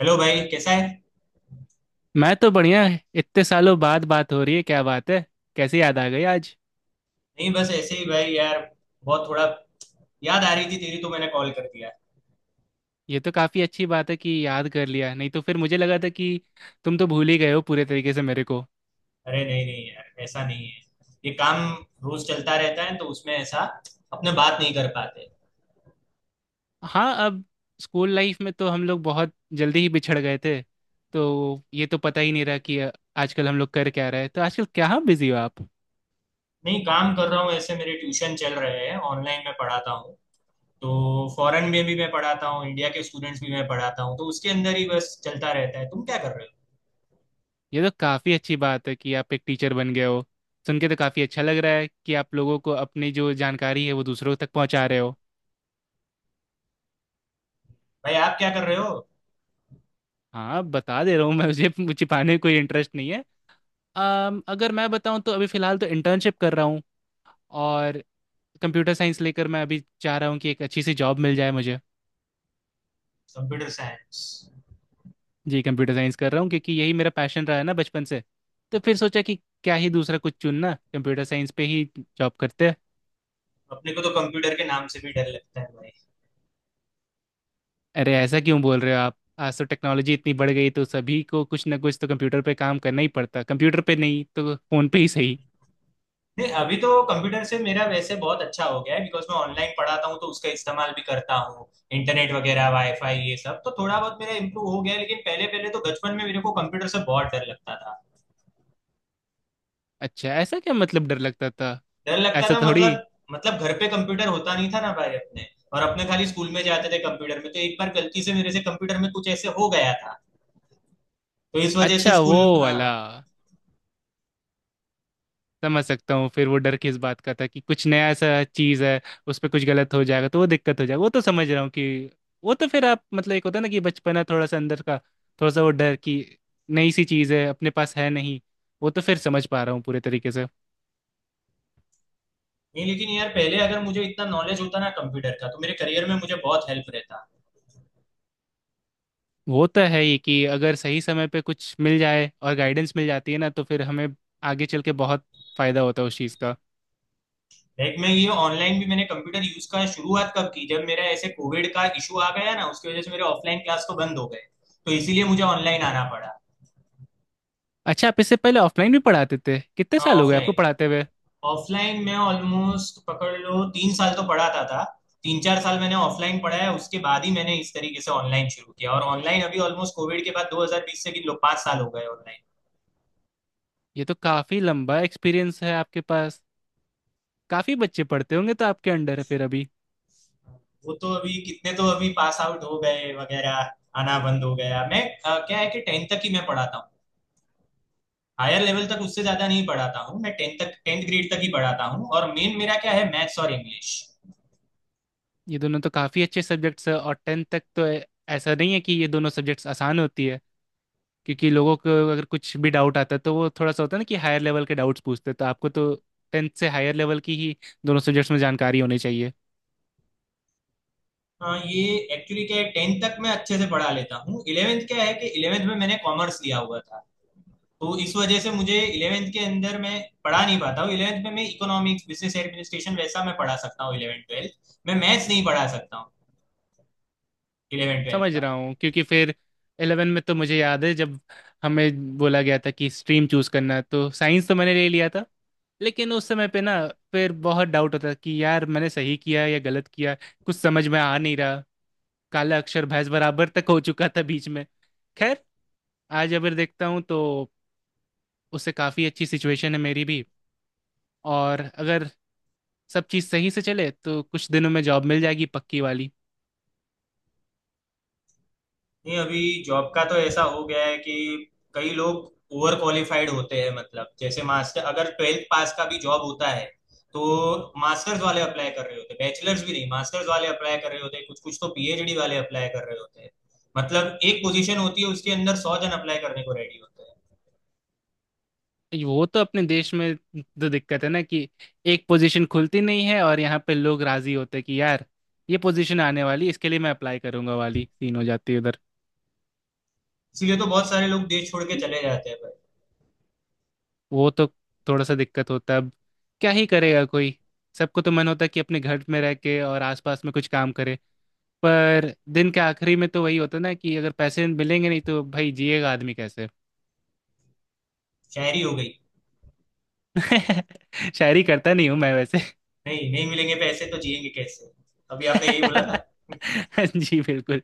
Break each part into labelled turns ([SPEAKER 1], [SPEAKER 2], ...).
[SPEAKER 1] Hello भाई, कैसा है।
[SPEAKER 2] मैं तो बढ़िया है। इतने सालों बाद बात हो रही है, क्या बात है। कैसे याद आ गई आज।
[SPEAKER 1] नहीं, बस ऐसे ही भाई यार। बहुत थोड़ा याद आ रही थी तेरी तो मैंने कॉल कर दिया।
[SPEAKER 2] ये तो काफी अच्छी बात है कि याद कर लिया, नहीं तो फिर मुझे लगा था कि तुम तो भूल ही गए हो पूरे तरीके से मेरे को।
[SPEAKER 1] अरे नहीं नहीं, यार ऐसा नहीं है। ये काम रोज चलता रहता है, तो उसमें ऐसा अपने बात नहीं कर पाते।
[SPEAKER 2] हाँ, अब स्कूल लाइफ में तो हम लोग बहुत जल्दी ही बिछड़ गए थे, तो ये तो पता ही नहीं रहा कि आजकल हम लोग कर क्या रहे हैं। तो आजकल क्या बिजी हो आप।
[SPEAKER 1] नहीं, काम कर रहा हूँ ऐसे। मेरे ट्यूशन चल रहे हैं ऑनलाइन, मैं पढ़ाता हूँ। तो फॉरेन में भी मैं पढ़ाता हूँ, इंडिया के स्टूडेंट्स भी मैं पढ़ाता हूँ, तो उसके अंदर ही बस चलता रहता है। तुम क्या कर रहे हो।
[SPEAKER 2] ये तो काफी अच्छी बात है कि आप एक टीचर बन गए हो। सुन के तो काफी अच्छा लग रहा है कि आप लोगों को अपनी जो जानकारी है वो दूसरों तक पहुंचा रहे हो।
[SPEAKER 1] भाई, आप क्या कर रहे हो।
[SPEAKER 2] हाँ बता दे रहा हूँ मैं, मुझे छिपाने में कोई इंटरेस्ट नहीं है। अगर मैं बताऊँ तो अभी फ़िलहाल तो इंटर्नशिप कर रहा हूँ। और कंप्यूटर साइंस लेकर मैं अभी चाह रहा हूँ कि एक अच्छी सी जॉब मिल जाए मुझे।
[SPEAKER 1] Computer science.
[SPEAKER 2] जी, कंप्यूटर साइंस कर रहा हूँ क्योंकि यही मेरा पैशन रहा है ना बचपन से। तो फिर सोचा कि क्या ही दूसरा कुछ चुनना, कंप्यूटर साइंस पे ही जॉब करते हैं।
[SPEAKER 1] अपने को तो कंप्यूटर के नाम से भी डर लगता है।
[SPEAKER 2] अरे ऐसा क्यों बोल रहे हो आप। आज तो टेक्नोलॉजी इतनी बढ़ गई, तो सभी को कुछ ना कुछ तो कंप्यूटर पे काम करना ही पड़ता। कंप्यूटर पे नहीं तो फोन पे ही सही।
[SPEAKER 1] नहीं, अभी तो कंप्यूटर से मेरा वैसे बहुत अच्छा हो गया है, बिकॉज मैं ऑनलाइन पढ़ाता हूँ तो उसका इस्तेमाल भी करता हूँ। इंटरनेट वगैरह, वाईफाई, ये सब तो थोड़ा बहुत मेरा इम्प्रूव हो गया है, लेकिन पहले पहले तो बचपन में मेरे को कंप्यूटर से बहुत डर लगता था।
[SPEAKER 2] अच्छा, ऐसा क्या मतलब डर लगता था।
[SPEAKER 1] डर लगता
[SPEAKER 2] ऐसा
[SPEAKER 1] था
[SPEAKER 2] थोड़ी।
[SPEAKER 1] मतलब घर पे कंप्यूटर होता नहीं था ना भाई अपने। और अपने खाली स्कूल में जाते थे, कंप्यूटर में तो एक बार गलती से मेरे से कंप्यूटर में कुछ ऐसे हो गया था। तो इस वजह से
[SPEAKER 2] अच्छा वो
[SPEAKER 1] स्कूल, हाँ।
[SPEAKER 2] वाला, समझ सकता हूँ। फिर वो डर किस बात का था कि कुछ नया सा चीज़ है, उस पर कुछ गलत हो जाएगा तो वो दिक्कत हो जाएगा। वो तो समझ रहा हूँ कि वो तो फिर आप मतलब, एक होता है ना कि बचपना थोड़ा सा अंदर का, थोड़ा सा वो डर कि नई सी चीज़ है अपने पास है नहीं। वो तो फिर समझ पा रहा हूँ पूरे तरीके से।
[SPEAKER 1] नहीं, लेकिन यार पहले अगर मुझे इतना नॉलेज होता ना कंप्यूटर का, तो मेरे करियर में मुझे बहुत हेल्प रहता।
[SPEAKER 2] वो तो है ही कि अगर सही समय पे कुछ मिल जाए और गाइडेंस मिल जाती है ना, तो फिर हमें आगे चल के बहुत फायदा होता है उस चीज़ का।
[SPEAKER 1] लाइक मैं ये ऑनलाइन भी मैंने कंप्यूटर यूज का शुरुआत कब की, जब मेरा ऐसे कोविड का इशू आ गया ना, उसकी वजह से मेरे ऑफलाइन क्लास तो बंद हो गए। तो इसीलिए मुझे ऑनलाइन आना पड़ा।
[SPEAKER 2] अच्छा, आप इससे पहले ऑफलाइन भी पढ़ाते थे। कितने साल हो गए आपको
[SPEAKER 1] ऑफलाइन।
[SPEAKER 2] पढ़ाते हुए।
[SPEAKER 1] ऑफलाइन मैं ऑलमोस्ट पकड़ लो 3 साल तो पढ़ाता था। 3-4 साल मैंने ऑफलाइन पढ़ा है, उसके बाद ही मैंने इस तरीके से ऑनलाइन शुरू किया। और ऑनलाइन अभी ऑलमोस्ट कोविड के बाद 2020 से किन लोग 5 साल हो गए ऑनलाइन।
[SPEAKER 2] ये तो काफी लंबा एक्सपीरियंस है आपके पास। काफी बच्चे पढ़ते होंगे तो आपके अंडर है फिर अभी।
[SPEAKER 1] वो तो अभी कितने तो अभी पास आउट हो गए वगैरह, आना बंद हो गया। मैं क्या है कि टेंथ तक ही मैं पढ़ाता हूँ, हायर लेवल तक उससे ज्यादा नहीं पढ़ाता हूँ। मैं टेंथ तक, टेंथ ग्रेड तक ही पढ़ाता हूँ, और मेन मेरा क्या है मैथ्स और इंग्लिश।
[SPEAKER 2] ये दोनों तो काफी अच्छे सब्जेक्ट्स है, और टेंथ तक तो ऐसा नहीं है कि ये दोनों सब्जेक्ट्स आसान होती है। क्योंकि लोगों को अगर कुछ भी डाउट आता है तो वो थोड़ा सा होता है ना कि हायर लेवल के डाउट्स पूछते हैं, तो आपको तो टेंथ से हायर लेवल की ही दोनों सब्जेक्ट्स में जानकारी होनी चाहिए।
[SPEAKER 1] ये एक्चुअली क्या है, टेंथ तक मैं अच्छे से पढ़ा लेता हूँ। इलेवेंथ क्या है कि इलेवेंथ में मैंने कॉमर्स लिया हुआ था, तो इस वजह से मुझे इलेवेंथ के अंदर मैं पढ़ा नहीं पाता हूँ। इलेवेंथ में मैं इकोनॉमिक्स, बिजनेस एडमिनिस्ट्रेशन वैसा मैं पढ़ा सकता हूँ, इलेवेंथ ट्वेल्थ मैं मैथ्स नहीं पढ़ा सकता हूँ इलेवेंथ ट्वेल्थ
[SPEAKER 2] समझ
[SPEAKER 1] का।
[SPEAKER 2] रहा हूँ, क्योंकि फिर इलेवन में तो मुझे याद है जब हमें बोला गया था कि स्ट्रीम चूज करना है, तो साइंस तो मैंने ले लिया था। लेकिन उस समय पे ना, फिर बहुत डाउट होता कि यार मैंने सही किया या गलत किया। कुछ समझ में आ नहीं रहा, काला अक्षर भैंस बराबर तक हो चुका था बीच में। खैर, आज अगर देखता हूँ तो उससे काफ़ी अच्छी सिचुएशन है मेरी भी। और अगर सब चीज़ सही से चले तो कुछ दिनों में जॉब मिल जाएगी पक्की वाली।
[SPEAKER 1] नहीं, अभी जॉब का तो ऐसा हो गया है कि कई लोग ओवर क्वालिफाइड होते हैं, मतलब जैसे मास्टर, अगर ट्वेल्थ पास का भी जॉब होता है तो मास्टर्स वाले अप्लाई कर रहे होते हैं, बैचलर्स भी नहीं मास्टर्स वाले अप्लाई कर रहे होते हैं, कुछ कुछ तो पीएचडी वाले अप्लाई कर रहे होते हैं। मतलब एक पोजीशन होती है उसके अंदर 100 जन अप्लाई करने को रेडी होते हैं।
[SPEAKER 2] वो तो अपने देश में तो दिक्कत है ना कि एक पोजीशन खुलती नहीं है और यहाँ पे लोग राजी होते कि यार, ये पोजीशन आने वाली, इसके लिए मैं अप्लाई करूंगा वाली सीन हो जाती है उधर।
[SPEAKER 1] इसीलिए तो बहुत सारे लोग देश छोड़ के चले जाते हैं भाई।
[SPEAKER 2] वो तो थोड़ा सा दिक्कत होता है। अब क्या ही करेगा कोई। सबको तो मन होता है कि अपने घर में रह के और आसपास में कुछ काम करे, पर दिन के आखिरी में तो वही होता है ना कि अगर पैसे मिलेंगे नहीं तो भाई जिएगा आदमी कैसे।
[SPEAKER 1] शायरी हो गई।
[SPEAKER 2] शायरी करता नहीं हूँ मैं वैसे।
[SPEAKER 1] नहीं नहीं, मिलेंगे पैसे तो जिएंगे कैसे, अभी आपने यही बोला ना।
[SPEAKER 2] जी बिल्कुल।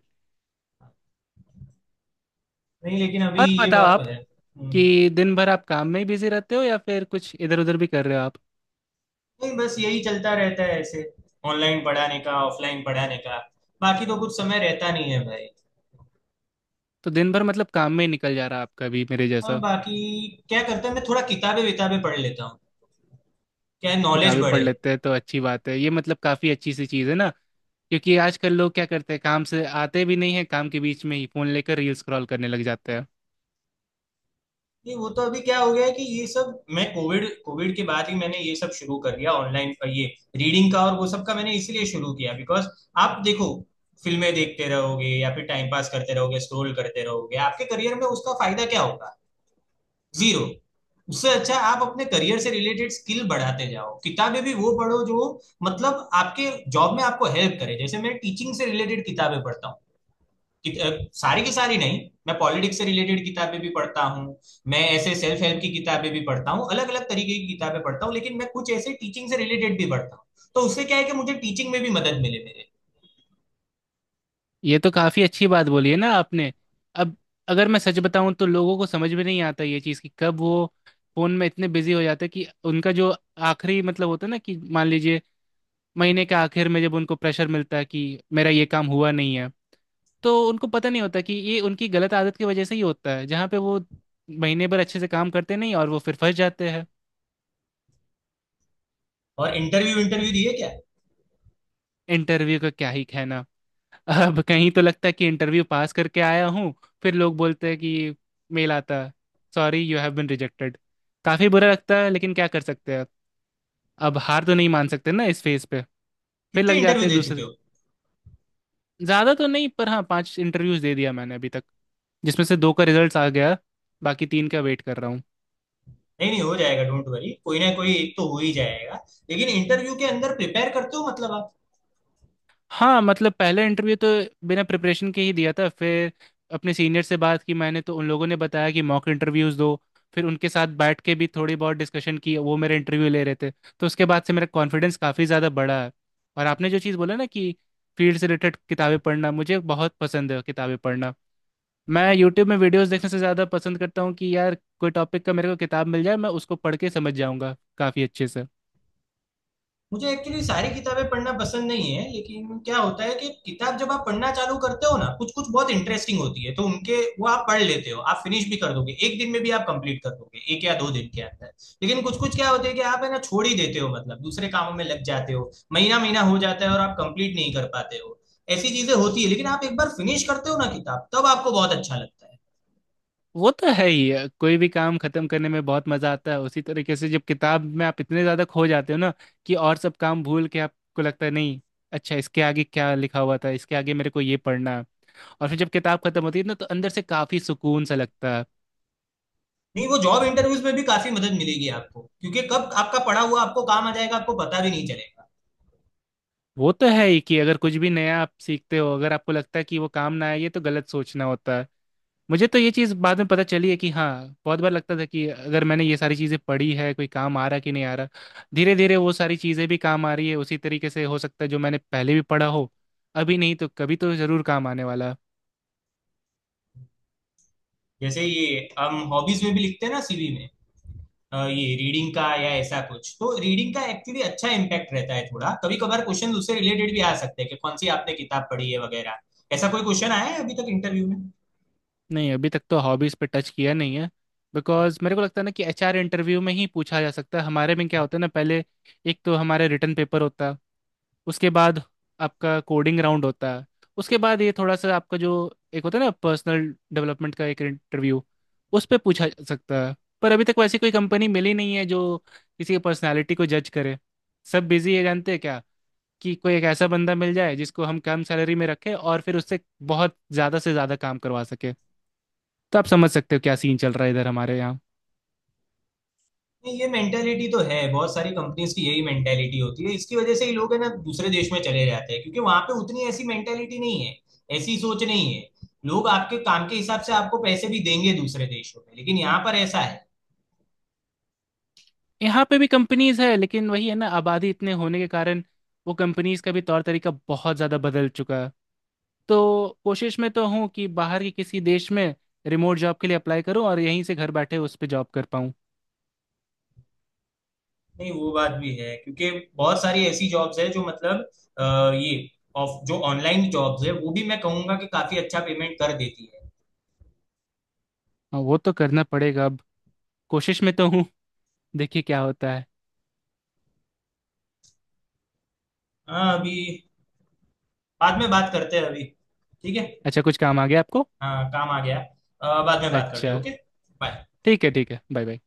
[SPEAKER 1] नहीं, लेकिन अभी
[SPEAKER 2] और
[SPEAKER 1] ये
[SPEAKER 2] बताओ
[SPEAKER 1] बात तो
[SPEAKER 2] आप
[SPEAKER 1] है।
[SPEAKER 2] कि
[SPEAKER 1] हम्म।
[SPEAKER 2] दिन भर आप काम में ही बिजी रहते हो या फिर कुछ इधर उधर भी कर रहे हो आप।
[SPEAKER 1] नहीं, बस यही चलता रहता है ऐसे, ऑनलाइन पढ़ाने का ऑफलाइन पढ़ाने का, बाकी तो कुछ समय रहता नहीं है भाई।
[SPEAKER 2] तो दिन भर मतलब काम में ही निकल जा रहा है आपका भी मेरे
[SPEAKER 1] हाँ,
[SPEAKER 2] जैसा।
[SPEAKER 1] बाकी क्या करते हैं, मैं थोड़ा किताबें विताबें पढ़ लेता हूँ, क्या नॉलेज
[SPEAKER 2] किताबें पढ़
[SPEAKER 1] बढ़े।
[SPEAKER 2] लेते हैं तो अच्छी बात है, ये मतलब काफी अच्छी सी चीज़ है ना। क्योंकि आजकल लोग क्या करते हैं, काम से आते भी नहीं है, काम के बीच में ही फोन लेकर रील स्क्रॉल करने लग जाते हैं।
[SPEAKER 1] नहीं, वो तो अभी क्या हो गया है कि ये सब मैं कोविड कोविड के बाद ही मैंने ये सब शुरू कर दिया ऑनलाइन, ये रीडिंग का और वो सब का मैंने इसलिए शुरू किया, बिकॉज आप देखो, फिल्में देखते रहोगे या फिर टाइम पास करते रहोगे, स्क्रोल करते रहोगे, आपके करियर में उसका फायदा क्या होगा। जीरो। उससे अच्छा आप अपने करियर से रिलेटेड स्किल बढ़ाते जाओ, किताबें भी वो पढ़ो जो मतलब आपके जॉब में आपको हेल्प करे। जैसे मैं टीचिंग से रिलेटेड किताबें पढ़ता हूँ कि- अ, सारी की सारी नहीं। मैं पॉलिटिक्स से रिलेटेड किताबें भी पढ़ता हूँ, मैं ऐसे सेल्फ हेल्प की किताबें भी पढ़ता हूँ, अलग अलग तरीके की किताबें पढ़ता हूँ, लेकिन मैं कुछ ऐसे टीचिंग से रिलेटेड भी पढ़ता हूँ, तो उससे क्या है कि मुझे टीचिंग में भी मदद मिले मेरे।
[SPEAKER 2] ये तो काफी अच्छी बात बोली है ना आपने। अब अगर मैं सच बताऊं तो लोगों को समझ में नहीं आता ये चीज़ कि कब वो फोन में इतने बिजी हो जाते हैं कि उनका जो आखिरी मतलब होता है ना, कि मान लीजिए महीने के आखिर में जब उनको प्रेशर मिलता है कि मेरा ये काम हुआ नहीं है, तो उनको पता नहीं होता कि ये उनकी गलत आदत की वजह से ही होता है, जहाँ पे वो महीने भर अच्छे से काम करते नहीं और वो फिर फंस जाते हैं।
[SPEAKER 1] और इंटरव्यू इंटरव्यू दिए क्या।
[SPEAKER 2] इंटरव्यू का क्या ही कहना। अब कहीं तो लगता है कि इंटरव्यू पास करके आया हूँ, फिर लोग बोलते हैं कि मेल आता है, sorry you have been rejected. काफी बुरा लगता है, लेकिन क्या कर सकते हैं। अब हार तो नहीं मान सकते ना इस फेज पे। फिर
[SPEAKER 1] कितने
[SPEAKER 2] लग
[SPEAKER 1] इंटरव्यू
[SPEAKER 2] जाते हैं
[SPEAKER 1] दे चुके
[SPEAKER 2] दूसरे।
[SPEAKER 1] हो।
[SPEAKER 2] ज्यादा तो नहीं पर हाँ, 5 इंटरव्यूज दे दिया मैंने अभी तक, जिसमें से 2 का रिजल्ट आ गया, बाकी 3 का वेट कर रहा हूँ।
[SPEAKER 1] नहीं नहीं, हो जाएगा, डोंट वरी, कोई ना कोई एक तो हो ही जाएगा। लेकिन इंटरव्यू के अंदर प्रिपेयर करते हो मतलब आप।
[SPEAKER 2] हाँ मतलब, पहला इंटरव्यू तो बिना प्रिपरेशन के ही दिया था। फिर अपने सीनियर से बात की मैंने, तो उन लोगों ने बताया कि मॉक इंटरव्यूज़ दो। फिर उनके साथ बैठ के भी थोड़ी बहुत डिस्कशन की, वो मेरे इंटरव्यू ले रहे थे, तो उसके बाद से मेरा कॉन्फिडेंस काफ़ी ज़्यादा बढ़ा है। और आपने जो चीज़ बोला ना कि फील्ड से रिलेटेड किताबें पढ़ना, मुझे बहुत पसंद है किताबें पढ़ना। मैं यूट्यूब में वीडियोस देखने से ज़्यादा पसंद करता हूँ कि यार कोई टॉपिक का मेरे को किताब मिल जाए, मैं उसको पढ़ के समझ जाऊँगा काफ़ी अच्छे से।
[SPEAKER 1] मुझे एक्चुअली सारी किताबें पढ़ना पसंद नहीं है, लेकिन क्या होता है कि किताब जब आप पढ़ना चालू करते हो ना, कुछ कुछ बहुत इंटरेस्टिंग होती है तो उनके वो आप पढ़ लेते हो, आप फिनिश भी कर दोगे एक दिन में भी, आप कंप्लीट कर दोगे एक या दो दिन के अंदर। लेकिन कुछ कुछ क्या होते है कि आप है ना छोड़ ही देते हो, मतलब दूसरे कामों में लग जाते हो, महीना महीना हो जाता है और आप कंप्लीट नहीं कर पाते हो। ऐसी चीजें होती है, लेकिन आप एक बार फिनिश करते हो ना किताब तब आपको बहुत अच्छा लगता है।
[SPEAKER 2] वो तो है ही है। कोई भी काम खत्म करने में बहुत मजा आता है, उसी तरीके से जब किताब में आप इतने ज्यादा खो जाते हो ना कि और सब काम भूल के आपको लगता है नहीं, अच्छा इसके आगे क्या लिखा हुआ था, इसके आगे मेरे को ये पढ़ना है। और फिर जब किताब खत्म होती है ना तो अंदर से काफी सुकून सा लगता है।
[SPEAKER 1] नहीं, वो जॉब इंटरव्यूज में भी काफी मदद मिलेगी आपको, क्योंकि कब आपका पढ़ा हुआ आपको काम आ जाएगा आपको पता भी नहीं चलेगा।
[SPEAKER 2] वो तो है ही कि अगर कुछ भी नया आप सीखते हो, अगर आपको लगता है कि वो काम ना आए, ये तो गलत सोचना होता है। मुझे तो ये चीज़ बाद में पता चली है कि हाँ, बहुत बार लगता था कि अगर मैंने ये सारी चीज़ें पढ़ी है, कोई काम आ रहा कि नहीं आ रहा, धीरे धीरे वो सारी चीज़ें भी काम आ रही है। उसी तरीके से हो सकता है जो मैंने पहले भी पढ़ा हो, अभी नहीं तो कभी तो ज़रूर काम आने वाला है।
[SPEAKER 1] जैसे ये हम हॉबीज में भी लिखते हैं ना सीवी में, ये रीडिंग का या ऐसा कुछ, तो रीडिंग का एक्चुअली अच्छा इम्पैक्ट रहता है, थोड़ा कभी कभार क्वेश्चन उससे रिलेटेड भी आ सकते हैं कि कौन सी आपने किताब पढ़ी है वगैरह। ऐसा कोई क्वेश्चन आया है अभी तक इंटरव्यू में।
[SPEAKER 2] नहीं, अभी तक तो हॉबीज पे टच किया नहीं है। बिकॉज मेरे को लगता है ना कि एचआर इंटरव्यू में ही पूछा जा सकता है। हमारे में क्या होता है ना, पहले एक तो हमारे रिटर्न पेपर होता है, उसके बाद आपका कोडिंग राउंड होता है, उसके बाद ये थोड़ा सा आपका जो एक होता है ना, पर्सनल डेवलपमेंट का एक इंटरव्यू, उस पे पूछा जा सकता है। पर अभी तक वैसी कोई कंपनी मिली नहीं है जो किसी की पर्सनालिटी को जज करे। सब बिजी है, जानते हैं क्या, कि कोई एक ऐसा बंदा मिल जाए जिसको हम कम सैलरी में रखें और फिर उससे बहुत ज़्यादा से ज़्यादा काम करवा सके। तो आप समझ सकते हो क्या सीन चल रहा है इधर हमारे यहाँ।
[SPEAKER 1] नहीं, ये मेंटेलिटी तो है बहुत सारी कंपनीज की, यही मेंटेलिटी होती है, इसकी वजह से ही लोग है ना दूसरे देश में चले जाते हैं, क्योंकि वहां पे उतनी ऐसी मेंटेलिटी नहीं है, ऐसी सोच नहीं है। लोग आपके काम के हिसाब से आपको पैसे भी देंगे दूसरे देशों में, लेकिन यहाँ पर ऐसा है।
[SPEAKER 2] यहाँ पे भी कंपनीज है, लेकिन वही है ना, आबादी इतने होने के कारण वो कंपनीज का भी तौर तरीका बहुत ज़्यादा बदल चुका है। तो कोशिश में तो हूँ कि बाहर के किसी देश में रिमोट जॉब के लिए अप्लाई करूँ और यहीं से घर बैठे उस पर जॉब कर पाऊँ।
[SPEAKER 1] नहीं, वो बात भी है, क्योंकि बहुत सारी ऐसी जॉब्स है जो मतलब ये ऑफ जो ऑनलाइन जॉब्स है वो भी मैं कहूंगा कि काफी अच्छा पेमेंट कर देती है।
[SPEAKER 2] हाँ, वो तो करना पड़ेगा अब। कोशिश में तो हूँ, देखिए क्या होता है।
[SPEAKER 1] हाँ, अभी बाद में बात करते हैं अभी, ठीक है।
[SPEAKER 2] अच्छा, कुछ काम आ गया आपको।
[SPEAKER 1] हाँ काम आ गया। बाद में बात करते
[SPEAKER 2] अच्छा,
[SPEAKER 1] हैं, ओके। बाय।
[SPEAKER 2] ठीक है ठीक है, बाय बाय।